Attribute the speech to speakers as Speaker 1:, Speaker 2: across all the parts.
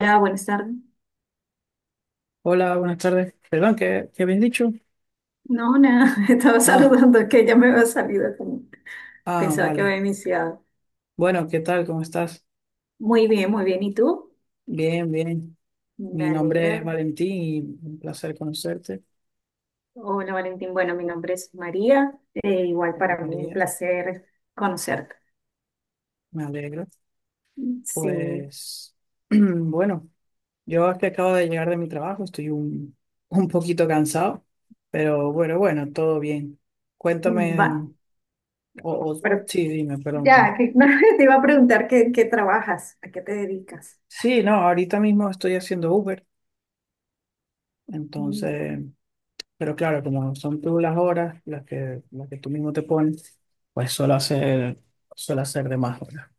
Speaker 1: Hola, buenas tardes.
Speaker 2: Hola, buenas tardes. Perdón, ¿qué habías dicho?
Speaker 1: No, nada, estaba
Speaker 2: Ah,
Speaker 1: saludando que ya me había salido, como
Speaker 2: ah,
Speaker 1: pensaba que había
Speaker 2: vale.
Speaker 1: iniciado.
Speaker 2: Bueno, ¿qué tal? ¿Cómo estás?
Speaker 1: Muy bien, muy bien. ¿Y tú?
Speaker 2: Bien, bien.
Speaker 1: Me
Speaker 2: Mi
Speaker 1: alegra.
Speaker 2: nombre es Valentín y un placer conocerte.
Speaker 1: Hola, Valentín. Bueno, mi nombre es María. Igual
Speaker 2: Hola,
Speaker 1: para mí un
Speaker 2: María,
Speaker 1: placer conocerte.
Speaker 2: me alegro.
Speaker 1: Sí,
Speaker 2: Pues, bueno, yo es que acabo de llegar de mi trabajo, estoy un, un poquito cansado, pero bueno, bueno, todo bien.
Speaker 1: va.
Speaker 2: Cuéntame, o, o-
Speaker 1: Pero
Speaker 2: sí, dime, perdón.
Speaker 1: ya, que, no, te iba a preguntar qué trabajas, a qué te dedicas.
Speaker 2: Sí, no, ahorita mismo estoy haciendo Uber.
Speaker 1: Mm,
Speaker 2: Entonces, pero claro, como son tú las horas las que, tú mismo te pones, pues suelo hacer de más horas.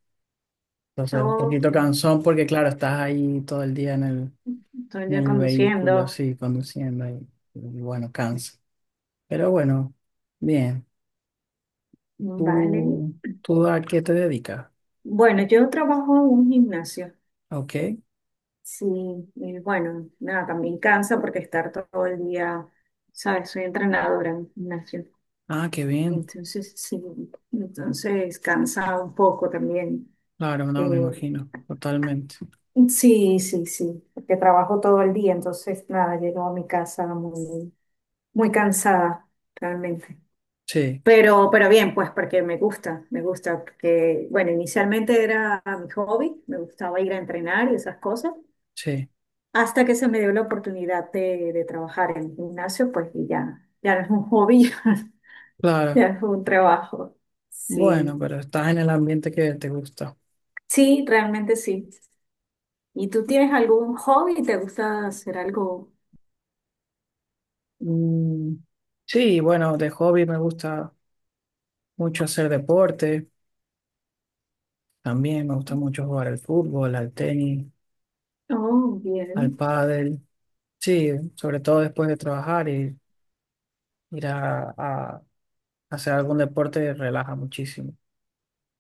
Speaker 2: Entonces, un
Speaker 1: ok,
Speaker 2: poquito cansón porque claro, estás ahí todo el día en el,
Speaker 1: estoy
Speaker 2: en
Speaker 1: ya
Speaker 2: el vehículo,
Speaker 1: conduciendo.
Speaker 2: así, conduciendo y bueno, cansa. Pero bueno, bien.
Speaker 1: Vale.
Speaker 2: ¿Tú, tú a qué te dedicas?
Speaker 1: Bueno, yo trabajo en un gimnasio.
Speaker 2: Ah, ok.
Speaker 1: Sí, y bueno, nada, también cansa porque estar todo el día, ¿sabes? Soy entrenadora en gimnasio,
Speaker 2: Ah, qué bien.
Speaker 1: entonces sí, entonces cansa un poco también.
Speaker 2: Claro, no, me
Speaker 1: Eh,
Speaker 2: imagino. Totalmente.
Speaker 1: sí, sí, sí, porque trabajo todo el día, entonces nada, llego a mi casa muy, muy cansada, realmente.
Speaker 2: Sí,
Speaker 1: Pero bien, pues porque me gusta, porque, bueno, inicialmente era mi hobby, me gustaba ir a entrenar y esas cosas.
Speaker 2: sí.
Speaker 1: Hasta que se me dio la oportunidad de trabajar en el gimnasio, pues y ya, ya no es un hobby, ya
Speaker 2: Claro.
Speaker 1: es un trabajo.
Speaker 2: Bueno,
Speaker 1: Sí,
Speaker 2: pero estás en el ambiente que te gusta.
Speaker 1: sí, realmente sí. ¿Y tú tienes algún hobby? ¿Te gusta hacer algo?
Speaker 2: Mm, sí, bueno, de hobby me gusta mucho hacer deporte. También me gusta mucho jugar al fútbol, al tenis,
Speaker 1: Oh,
Speaker 2: al
Speaker 1: bien.
Speaker 2: pádel. Sí, sobre todo después de trabajar y ir a hacer algún deporte relaja muchísimo.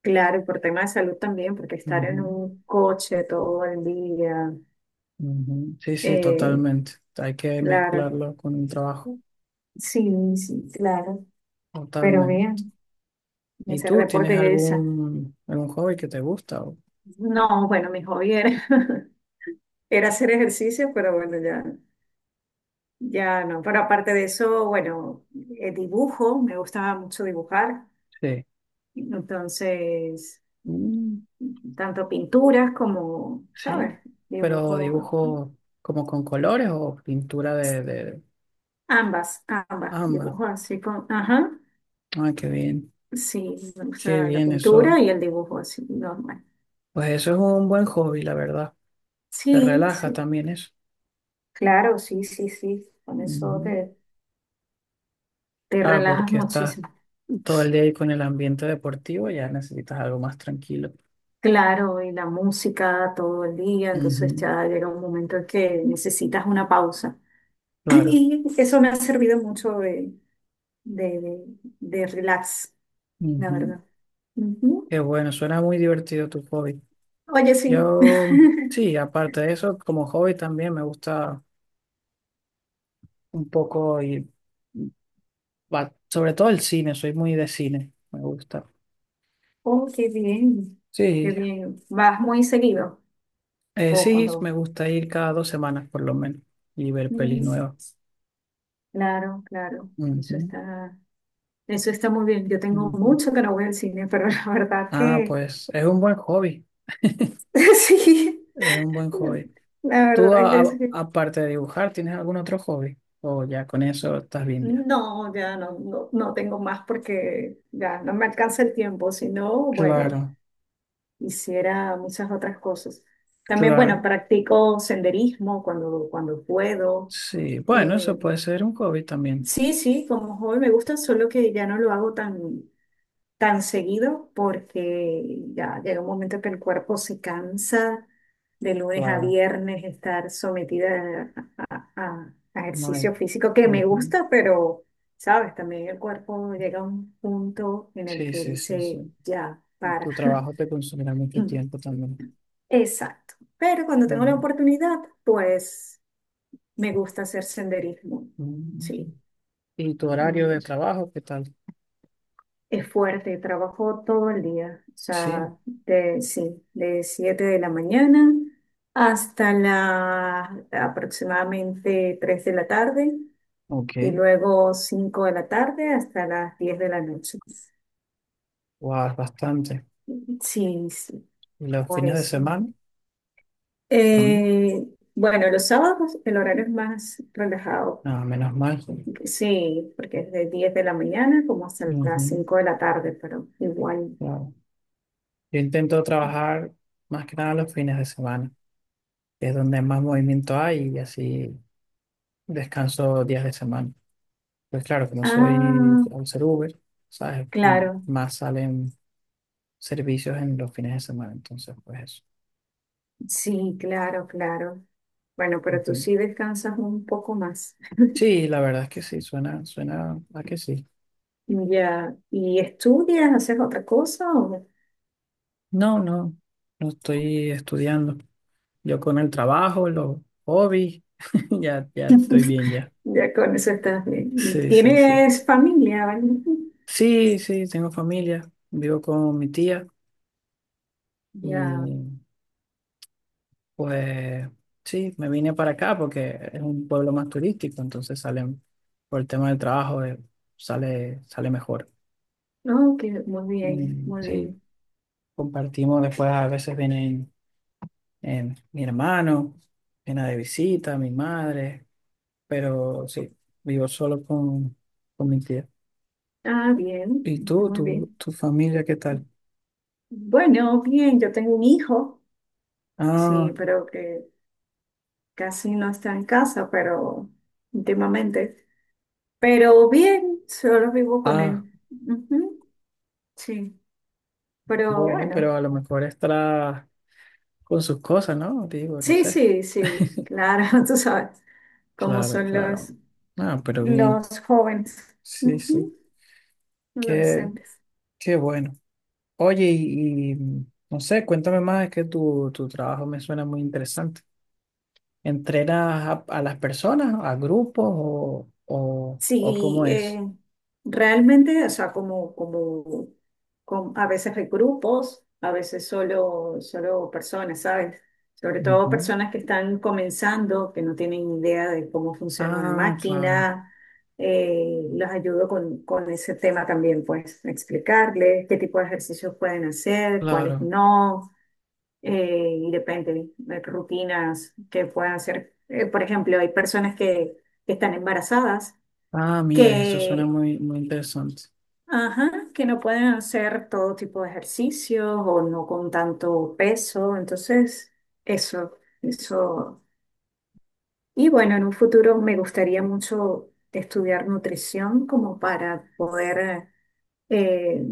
Speaker 1: Claro, y por tema de salud también, porque estar en
Speaker 2: Ujú,
Speaker 1: un coche todo el día,
Speaker 2: ujú. Sí, sí,
Speaker 1: eh,
Speaker 2: totalmente. Hay que
Speaker 1: claro.
Speaker 2: mezclarlo con el trabajo,
Speaker 1: Sí, sí, claro. Pero
Speaker 2: totalmente.
Speaker 1: bien, y
Speaker 2: ¿Y
Speaker 1: hacer
Speaker 2: tú tienes
Speaker 1: deporte es esa.
Speaker 2: algún hobby que te gusta?
Speaker 1: No, bueno, mi hobby era, era hacer ejercicio, pero bueno, ya. Ya no, pero aparte de eso, bueno, dibujo, me gustaba mucho dibujar,
Speaker 2: Sí.
Speaker 1: entonces, tanto pinturas como, ¿sabes?
Speaker 2: Sí, pero
Speaker 1: Dibujo,
Speaker 2: dibujo como con colores o pintura de
Speaker 1: ambas, ambas,
Speaker 2: ambas.
Speaker 1: dibujo así con, ajá,
Speaker 2: Ah,
Speaker 1: sí, me
Speaker 2: qué
Speaker 1: gusta la
Speaker 2: bien eso.
Speaker 1: pintura y el dibujo así, normal.
Speaker 2: Pues eso es un buen hobby, la verdad. Te
Speaker 1: Sí,
Speaker 2: relaja
Speaker 1: sí,
Speaker 2: también eso.
Speaker 1: claro, sí, sí, sí, con eso
Speaker 2: Ujú.
Speaker 1: te, te
Speaker 2: Claro,
Speaker 1: relajas
Speaker 2: porque estás
Speaker 1: muchísimo.
Speaker 2: todo el día ahí con el ambiente deportivo, ya necesitas algo más tranquilo.
Speaker 1: Claro, y la música todo el día, entonces
Speaker 2: Ujú,
Speaker 1: ya llega un momento en que necesitas una pausa.
Speaker 2: claro.
Speaker 1: Y eso me ha servido mucho de, de, de relax, la
Speaker 2: Ujú.
Speaker 1: verdad. Ujú.
Speaker 2: Qué bueno, suena muy divertido tu hobby.
Speaker 1: Oye, sí.
Speaker 2: Yo, sí, aparte de eso, como hobby también me gusta un poco ir. Va, sobre todo el cine, soy muy de cine, me gusta.
Speaker 1: Oh, qué bien, qué
Speaker 2: Sí,
Speaker 1: bien. ¿Vas muy seguido? O
Speaker 2: sí, me
Speaker 1: cuando…
Speaker 2: gusta ir cada 2 semanas por lo menos y ver pelis
Speaker 1: Mm,
Speaker 2: nuevas.
Speaker 1: claro, claro. Eso
Speaker 2: Ujú,
Speaker 1: está, eso está muy bien. Yo tengo
Speaker 2: ujú.
Speaker 1: mucho que no voy al cine, pero la verdad
Speaker 2: Ah,
Speaker 1: que
Speaker 2: pues es un buen hobby,
Speaker 1: sí.
Speaker 2: es un buen hobby.
Speaker 1: La
Speaker 2: ¿Tú
Speaker 1: verdad que sí.
Speaker 2: aparte de dibujar, tienes algún otro hobby? O ya con eso estás bien ya.
Speaker 1: No, ya no, no, no tengo más porque ya no me alcanza el tiempo. Si no, bueno,
Speaker 2: Claro,
Speaker 1: hiciera muchas otras cosas. También, bueno,
Speaker 2: claro.
Speaker 1: practico senderismo cuando, cuando puedo.
Speaker 2: Sí, bueno, eso
Speaker 1: Eh,
Speaker 2: puede ser un hobby también.
Speaker 1: sí, sí, como joven me gusta, solo que ya no lo hago tan, tan seguido porque ya llega un momento que el cuerpo se cansa de lunes a
Speaker 2: Claro,
Speaker 1: viernes estar sometida a, a
Speaker 2: no hay.
Speaker 1: ejercicio físico que me
Speaker 2: Ujú.
Speaker 1: gusta, pero, sabes, también el cuerpo llega a un punto en el
Speaker 2: Sí,
Speaker 1: que
Speaker 2: sí, sí, sí.
Speaker 1: dice, ya, para.
Speaker 2: Tu trabajo te consumirá mucho tiempo también.
Speaker 1: Exacto. Pero cuando tengo la
Speaker 2: Ujú,
Speaker 1: oportunidad, pues me gusta hacer senderismo.
Speaker 2: ujú.
Speaker 1: Sí.
Speaker 2: ¿Y tu horario
Speaker 1: Mm,
Speaker 2: de trabajo, qué tal?
Speaker 1: es fuerte, trabajo todo el día. O
Speaker 2: Sí,
Speaker 1: sea, de, sí, de 7 de la mañana hasta la aproximadamente 3 de la tarde y
Speaker 2: ok.
Speaker 1: luego 5 de la tarde hasta las 10 de la noche.
Speaker 2: Wow, bastante.
Speaker 1: Sí, sí,
Speaker 2: ¿Y los
Speaker 1: por
Speaker 2: fines de
Speaker 1: eso.
Speaker 2: semana? También.
Speaker 1: Eh, bueno, los sábados el horario es más relajado.
Speaker 2: No, menos mal.
Speaker 1: Sí, porque es de 10 de la mañana como hasta las
Speaker 2: Ujú,
Speaker 1: 5 de la tarde, pero igual.
Speaker 2: wow. Yo intento trabajar más que nada los fines de semana, que es donde más movimiento hay y así descanso días de semana. Pues claro, como soy
Speaker 1: Ah,
Speaker 2: al ser Uber, ¿sabes?
Speaker 1: claro,
Speaker 2: Más salen servicios en los fines de semana, entonces pues eso.
Speaker 1: sí, claro, claro. Bueno, pero tú
Speaker 2: Ujú.
Speaker 1: sí descansas un poco más.
Speaker 2: Sí, la verdad es que sí, suena a que sí.
Speaker 1: Ya, ¿y estudias, haces otra cosa o
Speaker 2: No, no, no estoy estudiando. Yo con el trabajo, los hobbies, ya estoy bien ya.
Speaker 1: ya con eso estás bien? ¿Y
Speaker 2: Sí, sí, sí.
Speaker 1: tienes familia, vale?
Speaker 2: Sí, sí, tengo familia, vivo con mi tía
Speaker 1: Ya,
Speaker 2: y pues sí, me vine para acá porque es un pueblo más turístico, entonces salen, por el tema del trabajo, sale mejor.
Speaker 1: no, que muy bien,
Speaker 2: Mm,
Speaker 1: muy
Speaker 2: sí,
Speaker 1: bien.
Speaker 2: compartimos después, a veces vienen mi hermano, viene de visita, mi madre. Pero sí, vivo solo con, mi tía.
Speaker 1: Ah, bien,
Speaker 2: ¿Y
Speaker 1: está
Speaker 2: tú,
Speaker 1: muy
Speaker 2: tu,
Speaker 1: bien.
Speaker 2: tu familia, qué tal?
Speaker 1: Bueno, bien, yo tengo un hijo, sí,
Speaker 2: Ah,
Speaker 1: pero que casi no está en casa, pero últimamente. Pero bien, solo vivo con
Speaker 2: ah,
Speaker 1: él. Ujú, sí, pero
Speaker 2: bueno, pero
Speaker 1: bueno.
Speaker 2: a lo mejor estará con sus cosas, ¿no? Digo, no
Speaker 1: Sí,
Speaker 2: sé.
Speaker 1: sí, sí, claro, tú sabes cómo
Speaker 2: Claro,
Speaker 1: son
Speaker 2: claro. Ah, pero bien.
Speaker 1: los jóvenes.
Speaker 2: Sí, sí.
Speaker 1: Ujú,
Speaker 2: Qué,
Speaker 1: adolescentes.
Speaker 2: qué bueno. Oye, no sé, cuéntame más, es que tu, trabajo me suena muy interesante. ¿Entrenas a las personas, a grupos o
Speaker 1: Sí,
Speaker 2: cómo es?
Speaker 1: realmente, o sea, a veces hay grupos, a veces solo, solo personas, ¿sabes? Sobre todo
Speaker 2: Ujú.
Speaker 1: personas que están comenzando, que no tienen idea de cómo funciona una
Speaker 2: Ah, claro.
Speaker 1: máquina. Los ayudo con ese tema también, pues, explicarles qué tipo de ejercicios pueden hacer, cuáles
Speaker 2: Claro.
Speaker 1: no. Y depende de rutinas que puedan hacer. Por ejemplo, hay personas que que están embarazadas
Speaker 2: Ah, mira, eso suena
Speaker 1: que,
Speaker 2: muy, muy interesante.
Speaker 1: ajá, que no pueden hacer todo tipo de ejercicios o no con tanto peso. Entonces, eso, eso. Y bueno, en un futuro me gustaría mucho estudiar nutrición como para poder eh,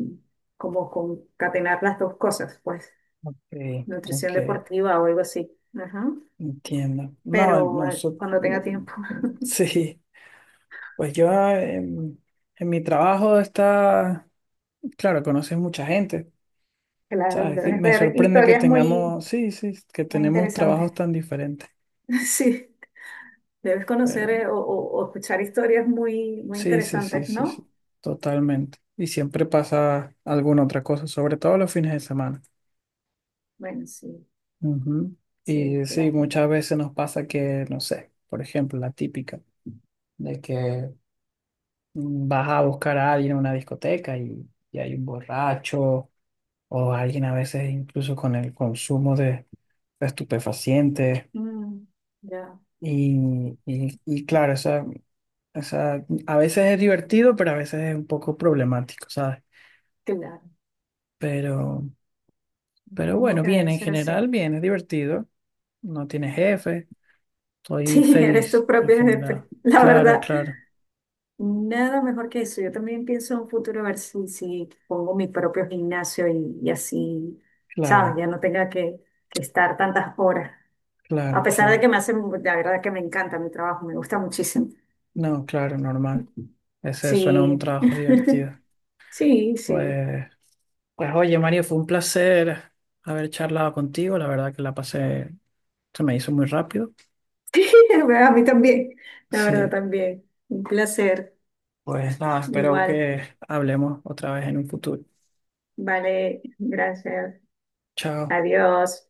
Speaker 1: como concatenar las dos cosas, pues,
Speaker 2: Ok, ok,
Speaker 1: nutrición deportiva o algo así. Ajá.
Speaker 2: entiendo. No,
Speaker 1: Pero
Speaker 2: no,
Speaker 1: cuando
Speaker 2: no,
Speaker 1: tenga tiempo,
Speaker 2: sí, pues yo en mi trabajo está, claro, conoces mucha gente,
Speaker 1: claro,
Speaker 2: ¿sabes? Que
Speaker 1: debes
Speaker 2: me
Speaker 1: ver
Speaker 2: sorprende que
Speaker 1: historias muy,
Speaker 2: tengamos, sí, sí, que
Speaker 1: muy
Speaker 2: tenemos
Speaker 1: interesantes.
Speaker 2: trabajos tan diferentes,
Speaker 1: Sí. Debes
Speaker 2: pero
Speaker 1: conocer o escuchar historias muy, muy
Speaker 2: sí, sí, sí,
Speaker 1: interesantes,
Speaker 2: sí, sí,
Speaker 1: ¿no?
Speaker 2: totalmente. Y siempre pasa alguna otra cosa, sobre todo los fines de semana.
Speaker 1: Bueno, sí,
Speaker 2: Ujú.
Speaker 1: sí,
Speaker 2: Y
Speaker 1: que la
Speaker 2: sí,
Speaker 1: gente.
Speaker 2: muchas veces nos pasa que, no sé, por ejemplo, la típica de que vas a buscar a alguien en una discoteca y hay un borracho o alguien a veces incluso con el consumo de estupefacientes
Speaker 1: Mm, ya,
Speaker 2: y claro, esa, a veces es divertido, pero a veces es un poco problemático, ¿sabes?
Speaker 1: claro,
Speaker 2: Pero, pero
Speaker 1: supongo
Speaker 2: bueno,
Speaker 1: que
Speaker 2: bien,
Speaker 1: debe
Speaker 2: en
Speaker 1: ser así.
Speaker 2: general, bien, es divertido, no tiene jefe. Soy
Speaker 1: Sí, eres
Speaker 2: feliz
Speaker 1: tu
Speaker 2: en
Speaker 1: propio jefe,
Speaker 2: general.
Speaker 1: la
Speaker 2: Claro,
Speaker 1: verdad.
Speaker 2: claro,
Speaker 1: Nada mejor que eso. Yo también pienso en un futuro a ver si, si pongo mi propio gimnasio y así, ¿sabes?
Speaker 2: claro,
Speaker 1: Ya no tenga que estar tantas horas. A
Speaker 2: claro,
Speaker 1: pesar de
Speaker 2: claro.
Speaker 1: que me hace, la verdad que me encanta mi trabajo, me gusta muchísimo.
Speaker 2: No, claro, normal. Ese suena un
Speaker 1: Sí,
Speaker 2: trabajo divertido.
Speaker 1: sí, sí.
Speaker 2: Pues, pues oye, Mario, fue un placer haber charlado contigo. La verdad que la pasé, se me hizo muy rápido.
Speaker 1: A mí también, la verdad
Speaker 2: Sí,
Speaker 1: también. Un placer.
Speaker 2: pues nada, espero
Speaker 1: Igual.
Speaker 2: que hablemos otra vez en un futuro.
Speaker 1: Vale, gracias.
Speaker 2: Chao.
Speaker 1: Adiós.